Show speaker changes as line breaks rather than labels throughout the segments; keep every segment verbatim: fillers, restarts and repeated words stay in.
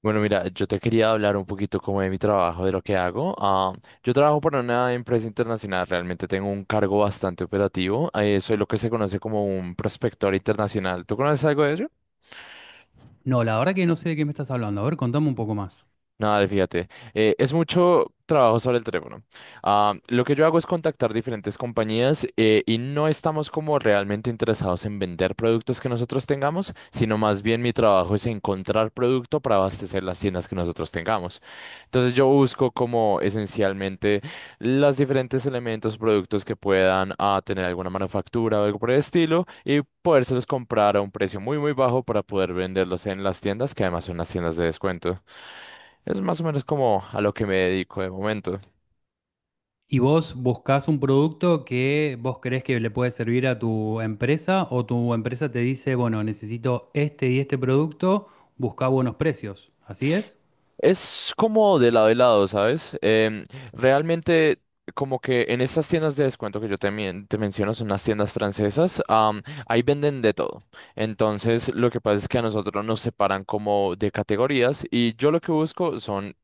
Bueno, mira, yo te quería hablar un poquito como de mi trabajo, de lo que hago. Ah, yo trabajo para una empresa internacional, realmente tengo un cargo bastante operativo. Eh, soy lo que se conoce como un prospector internacional. ¿Tú conoces algo de ello?
No, la verdad que no sé de qué me estás hablando. A ver, contame un poco más.
Nada, fíjate, eh, es mucho trabajo sobre el teléfono. Ah, lo que yo hago es contactar diferentes compañías eh, y no estamos como realmente interesados en vender productos que nosotros tengamos, sino más bien mi trabajo es encontrar producto para abastecer las tiendas que nosotros tengamos. Entonces yo busco como esencialmente los diferentes elementos, productos que puedan ah, tener alguna manufactura o algo por el estilo y podérselos comprar a un precio muy muy bajo para poder venderlos en las tiendas, que además son las tiendas de descuento. Es más o menos como a lo que me dedico de momento.
¿Y vos buscás un producto que vos crees que le puede servir a tu empresa o tu empresa te dice, bueno, necesito este y este producto, busca buenos precios? ¿Así es?
Es como de lado y lado, ¿sabes? Em, realmente, como que en estas tiendas de descuento que yo te, mien- te menciono, son unas tiendas francesas, am, ahí venden de todo. Entonces, lo que pasa es que a nosotros nos separan como de categorías y yo lo que busco son,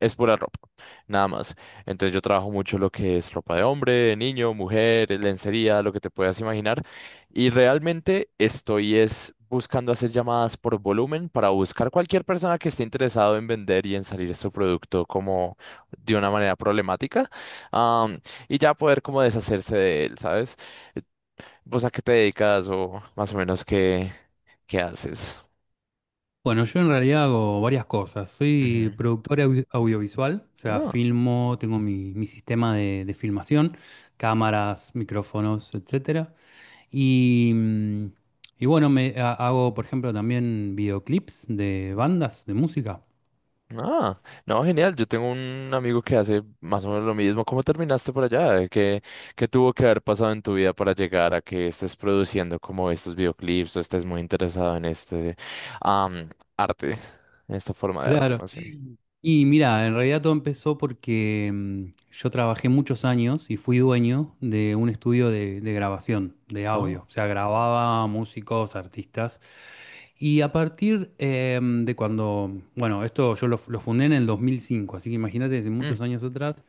es pura ropa, nada más. Entonces yo trabajo mucho lo que es ropa de hombre, de niño, mujer, lencería, lo que te puedas imaginar. Y realmente estoy es buscando hacer llamadas por volumen para buscar cualquier persona que esté interesado en vender y en salir su producto como de una manera problemática, am, y ya poder como deshacerse de él, ¿sabes? ¿Vos a qué te dedicas o más o menos qué, qué haces?
Bueno, yo en realidad hago varias cosas. Soy
Ujú.
productor audio- audiovisual, o sea, filmo, tengo mi, mi sistema de, de filmación, cámaras, micrófonos, etcétera. Y, mm, y bueno, me ha- hago, por ejemplo, también videoclips de bandas, de música.
Ah, no, genial. Yo tengo un amigo que hace más o menos lo mismo. ¿Cómo terminaste por allá? ¿Qué, qué tuvo que haber pasado en tu vida para llegar a que estés produciendo como estos videoclips o estés muy interesado en este am, arte, en esta forma de arte
Claro.
más bien?
Y mira, en realidad todo empezó porque mm, yo trabajé muchos años y fui dueño de un estudio de, de grabación, de
Ah,
audio. O sea, grababa músicos, artistas. Y a partir em, de cuando, bueno, esto yo lo, lo fundé en el dos mil cinco, así que imagínate, desde
mm,
muchos años atrás,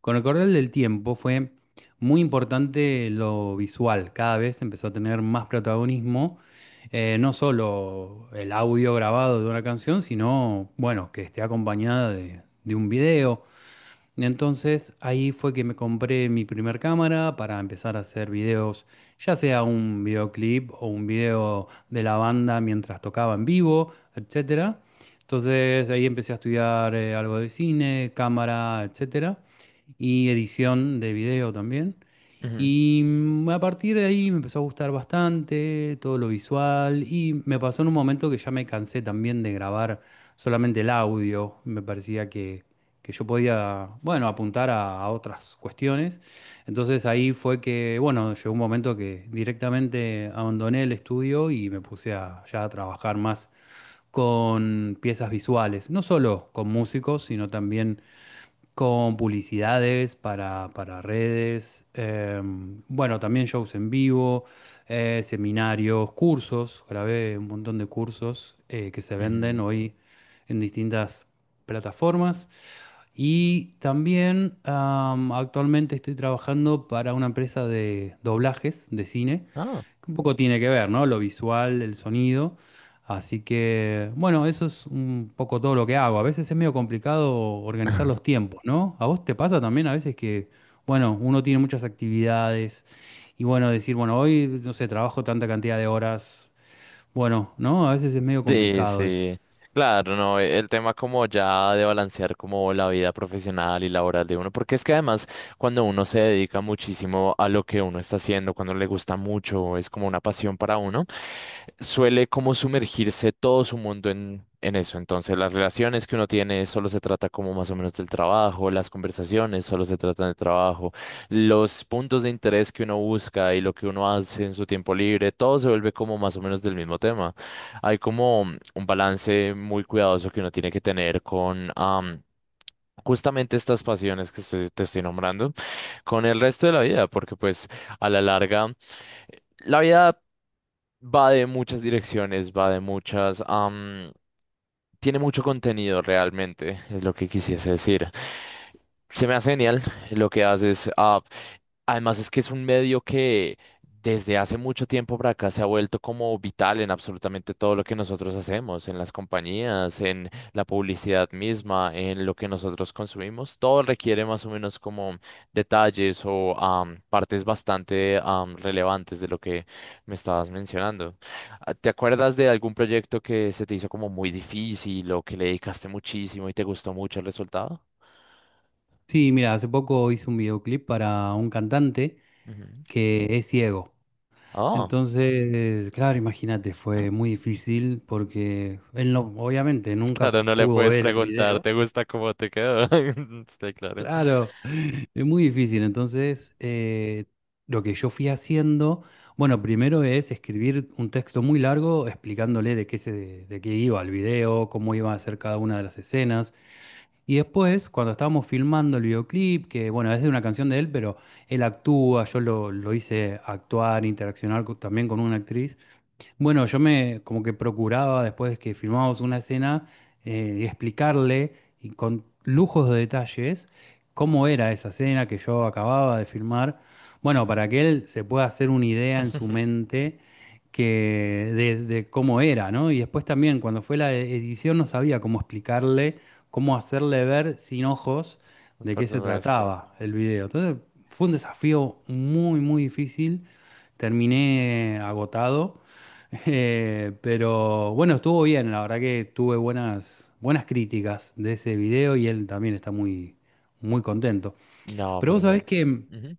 con el correr del tiempo fue muy importante lo visual. Cada vez empezó a tener más protagonismo eh, no solo el audio grabado de una canción, sino, bueno, que esté acompañada de, de un video. Entonces ahí fue que me compré mi primer cámara para empezar a hacer videos, ya sea un videoclip o un video de la banda mientras tocaba en vivo, etcétera. Entonces ahí empecé a estudiar eh, algo de cine, cámara, etcétera, y edición de video también.
ujú,
Y mm, a partir de ahí me empezó a gustar bastante todo lo visual y me pasó en un momento que ya me cansé también de grabar solamente el audio, me parecía que que yo podía, bueno, apuntar a, a otras cuestiones. Entonces ahí fue que, bueno, llegó un momento que directamente abandoné el estudio y me puse a, ya a trabajar más con piezas visuales, no solo con músicos, sino también con publicidades para, para redes, eh, bueno, también shows en vivo, eh, seminarios, cursos, grabé un montón de cursos eh, que se venden
ujú.
hoy en distintas plataformas. Y también am, actualmente estoy trabajando para una empresa de doblajes de cine,
Ah.
que un poco tiene que ver, ¿no? Lo visual, el sonido. Así que, bueno, eso es un poco todo lo que hago. A veces es medio complicado organizar los tiempos, ¿no? ¿A vos te pasa también a veces que, bueno, uno tiene muchas actividades y, bueno, decir, bueno, hoy, no sé, trabajo tanta cantidad de horas. Bueno, ¿no? A veces es medio
Sí,
complicado eso.
sí. Claro, no, e- el tema como ya de balancear como la vida profesional y laboral de uno, porque es que además cuando uno se dedica muchísimo a lo que uno está haciendo, cuando le gusta mucho, es como una pasión para uno, suele como sumergirse todo su mundo en, en eso. Entonces, las relaciones que uno tiene solo se trata como más o menos del trabajo, las conversaciones solo se tratan del trabajo, los puntos de interés que uno busca y lo que uno hace en su tiempo libre, todo se vuelve como más o menos del mismo tema. Hay como un balance muy cuidadoso que uno tiene que tener con am, justamente estas pasiones que se- te estoy nombrando, con el resto de la vida, porque pues a la larga la vida va de muchas direcciones, va de muchas, am, tiene mucho contenido realmente, es lo que quisiese decir. Se me hace genial lo que haces. Ah, además es que es un medio que desde hace mucho tiempo para acá se ha vuelto como vital en absolutamente todo lo que nosotros hacemos, en las compañías, en la publicidad misma, en lo que nosotros consumimos. Todo requiere más o menos como detalles o am, partes bastante am, relevantes de lo que me estabas mencionando. Ah, ¿Te acuerdas de algún proyecto que se te hizo como muy difícil o que le dedicaste muchísimo y te gustó mucho el resultado?
Sí, mira, hace poco hice un videoclip para un cantante
Ujú.
que es ciego.
Oh,
Entonces, claro, imagínate, fue muy difícil porque él no, obviamente nunca
claro, no le
pudo
puedes
ver el
preguntar,
video.
¿te gusta cómo te quedó? Sí, claro.
Claro, es muy difícil. Entonces, eh, lo que yo fui haciendo, bueno, primero es escribir un texto muy largo explicándole de qué se, de qué iba el video, cómo iba a ser cada una de las escenas. Y después, cuando estábamos filmando el videoclip, que bueno, es de una canción de él, pero él actúa, yo lo, lo hice actuar, interaccionar co- también con una actriz. Bueno, yo me como que procuraba después de que filmábamos una escena eh, explicarle y con lujos de detalles cómo era esa escena que yo acababa de filmar. Bueno, para que él se pueda hacer una idea en su mente que de, de cómo era, ¿no? Y después también cuando fue la edición no sabía cómo explicarle, cómo hacerle ver sin ojos de
Por
qué se
supuesto.
trataba el video. Entonces fue un desafío muy, muy difícil. Terminé agotado. Eh, pero bueno, estuvo bien, la verdad que tuve buenas, buenas críticas de ese video y él también está muy, muy contento.
No,
Pero vos sabés
perfecto.
que
Ujú.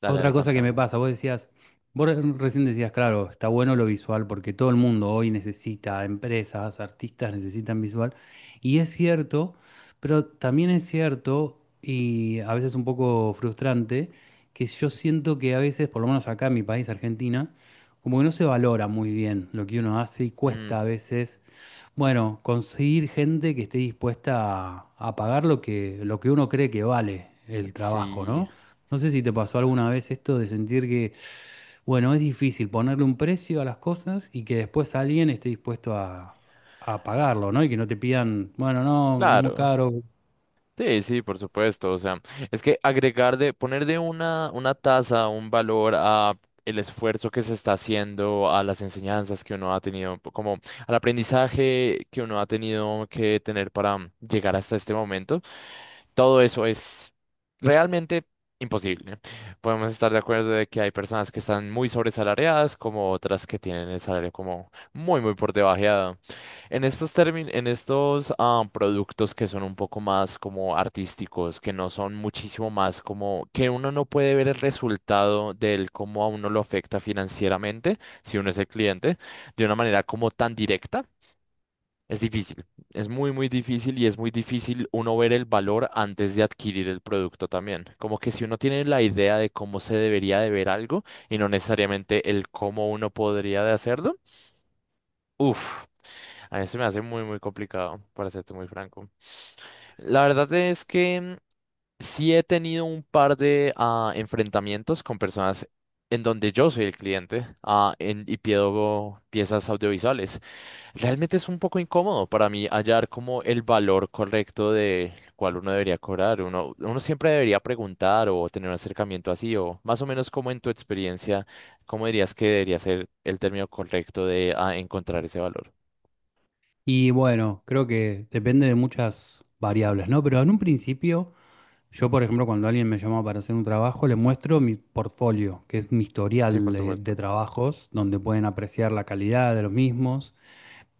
Dale, dale,
otra cosa que me
contame.
pasa, vos decías, vos re- recién decías, claro, está bueno lo visual porque todo el mundo hoy necesita, empresas, artistas necesitan visual, y es cierto, pero también es cierto, y a veces un poco frustrante, que yo siento que a veces, por lo menos acá en mi país, Argentina, como que no se valora muy bien lo que uno hace y
Mm,
cuesta a veces bueno, conseguir gente que esté dispuesta a, a pagar lo que, lo que uno cree que vale el trabajo,
sí,
¿no? No sé si te pasó alguna vez esto de sentir que, bueno, es difícil ponerle un precio a las cosas y que después alguien esté dispuesto a, a pagarlo, ¿no? Y que no te pidan, bueno, no, no es muy
claro.
caro.
Sí, sí, por supuesto. O sea, es que agregar de, poner de una, una tasa, un valor a el esfuerzo que se está haciendo, a las enseñanzas que uno ha tenido, po- como al aprendizaje que uno ha tenido que tener para mm, llegar hasta este momento, todo eso es realmente imposible. Podemos estar de acuerdo de que hay personas que están muy sobresalariadas, como otras que tienen el salario como muy, muy por debajeado. En estos términos, en estos ah, productos que son un poco más como artísticos, que no son muchísimo más como que uno no puede ver el resultado del cómo a uno lo afecta financieramente, si uno es el cliente, de una manera como tan directa, es difícil. Es muy, muy difícil y es muy difícil uno ver el valor antes de adquirir el producto también. Como que si uno tiene la idea de cómo se debería de ver algo y no necesariamente el cómo uno podría de hacerlo, uff. A mí se me hace muy, muy complicado, para serte muy franco. La verdad es que mm, sí he tenido un par de ah, enfrentamientos con personas en donde yo soy el cliente ah, en- y pido piezas audiovisuales. Realmente es un poco incómodo para mí hallar como el valor correcto de cuál uno debería cobrar. Uno, uno siempre debería preguntar o tener un acercamiento así, o más o menos como en tu experiencia, ¿cómo dirías que debería ser el término correcto de ah, encontrar ese valor?
Y bueno, creo que depende de muchas
Ujú.
variables, ¿no? Pero en un principio. Yo, por ejemplo, cuando alguien me llama para hacer un trabajo, le muestro mi portfolio, que es mi
Sí,
historial
por
de, de
supuesto.
trabajos, donde pueden apreciar la calidad de los mismos,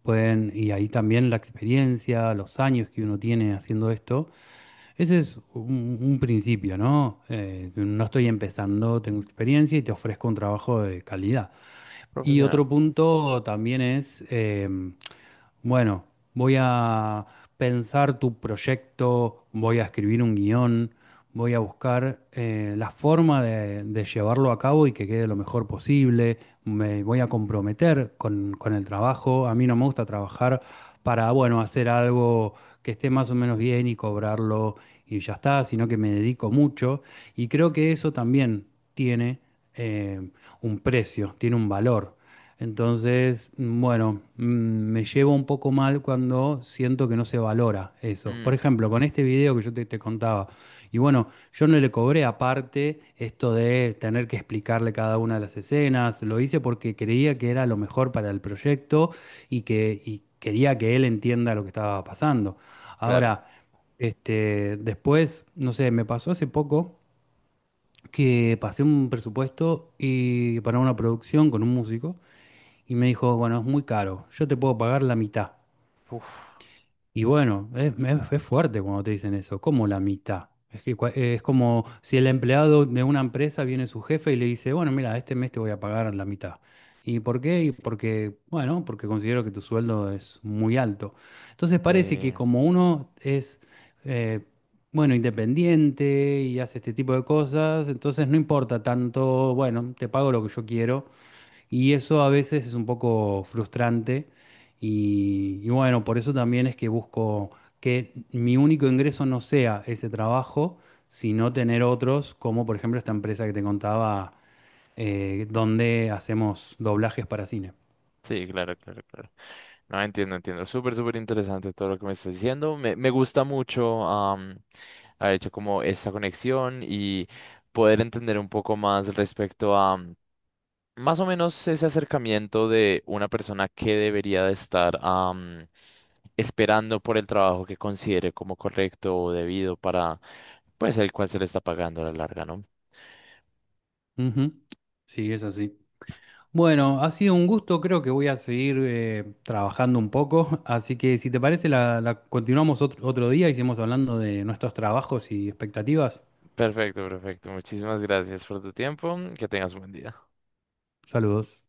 pueden, y ahí también la experiencia, los años que uno tiene haciendo esto. Ese es un, un principio, ¿no? Eh, no estoy
Ujú.
empezando, tengo experiencia y te ofrezco un trabajo de calidad. Y
Profesional.
otro punto también es, em, bueno, voy a pensar tu proyecto, voy a escribir un guión, voy a buscar eh, la forma de, de llevarlo a cabo y que quede lo mejor posible, me voy a comprometer con, con el trabajo. A mí no me gusta trabajar para, bueno, hacer algo que esté más o menos bien y cobrarlo y ya está, sino que me dedico mucho. Y creo que eso también tiene em, un precio, tiene un valor. Entonces, bueno, mm, me llevo un poco mal cuando siento que no se valora eso. Por
Mm,
ejemplo, con este video que yo te, te contaba, y bueno, yo no le cobré aparte esto de tener que explicarle cada una de las escenas, lo hice porque creía que era lo mejor para el proyecto y que y quería que él entienda lo que estaba pasando.
claro.
Ahora, este, después, no sé, me pasó hace poco que pasé un presupuesto y para una producción con un músico y me dijo, bueno, es muy caro, yo te puedo pagar la mitad.
Uf,
Y bueno, es, es- es fuerte cuando te dicen eso, como la mitad. Es que cua- eh, es como si el empleado de una empresa viene su jefe y le dice, bueno, mira, este mes te voy a pagar la mitad. ¿Y por qué? Y porque, bueno, porque considero que tu sueldo es muy alto. Entonces parece que
eh,
como uno es, eh, bueno, independiente y hace este tipo de cosas, entonces no importa tanto, bueno, te pago lo que yo quiero. Y eso a veces es un poco frustrante y, y bueno, por eso también es que busco que mi único ingreso no sea ese trabajo, sino tener otros, como por ejemplo esta empresa que te contaba, eh, donde hacemos doblajes para cine.
sí, claro, claro, claro. No, entiendo, entiendo. Súper, súper interesante todo lo que me estás diciendo. Me, me gusta mucho am, haber hecho como esta conexión y poder entender un poco más respecto a mm, más o menos ese acercamiento de una persona que debería de estar am, esperando por el trabajo que considere como correcto o debido para pues el cual se le está pagando a la larga, ¿no?
Ujú. Sí, es así. Bueno, ha sido un gusto, creo que voy a seguir eh, trabajando un poco, así que si te parece, la, la continuamos otro, otro día y seguimos hablando de nuestros trabajos y expectativas.
Perfecto, perfecto. Muchísimas gracias por tu tiempo. Que tengas un buen día.
Saludos.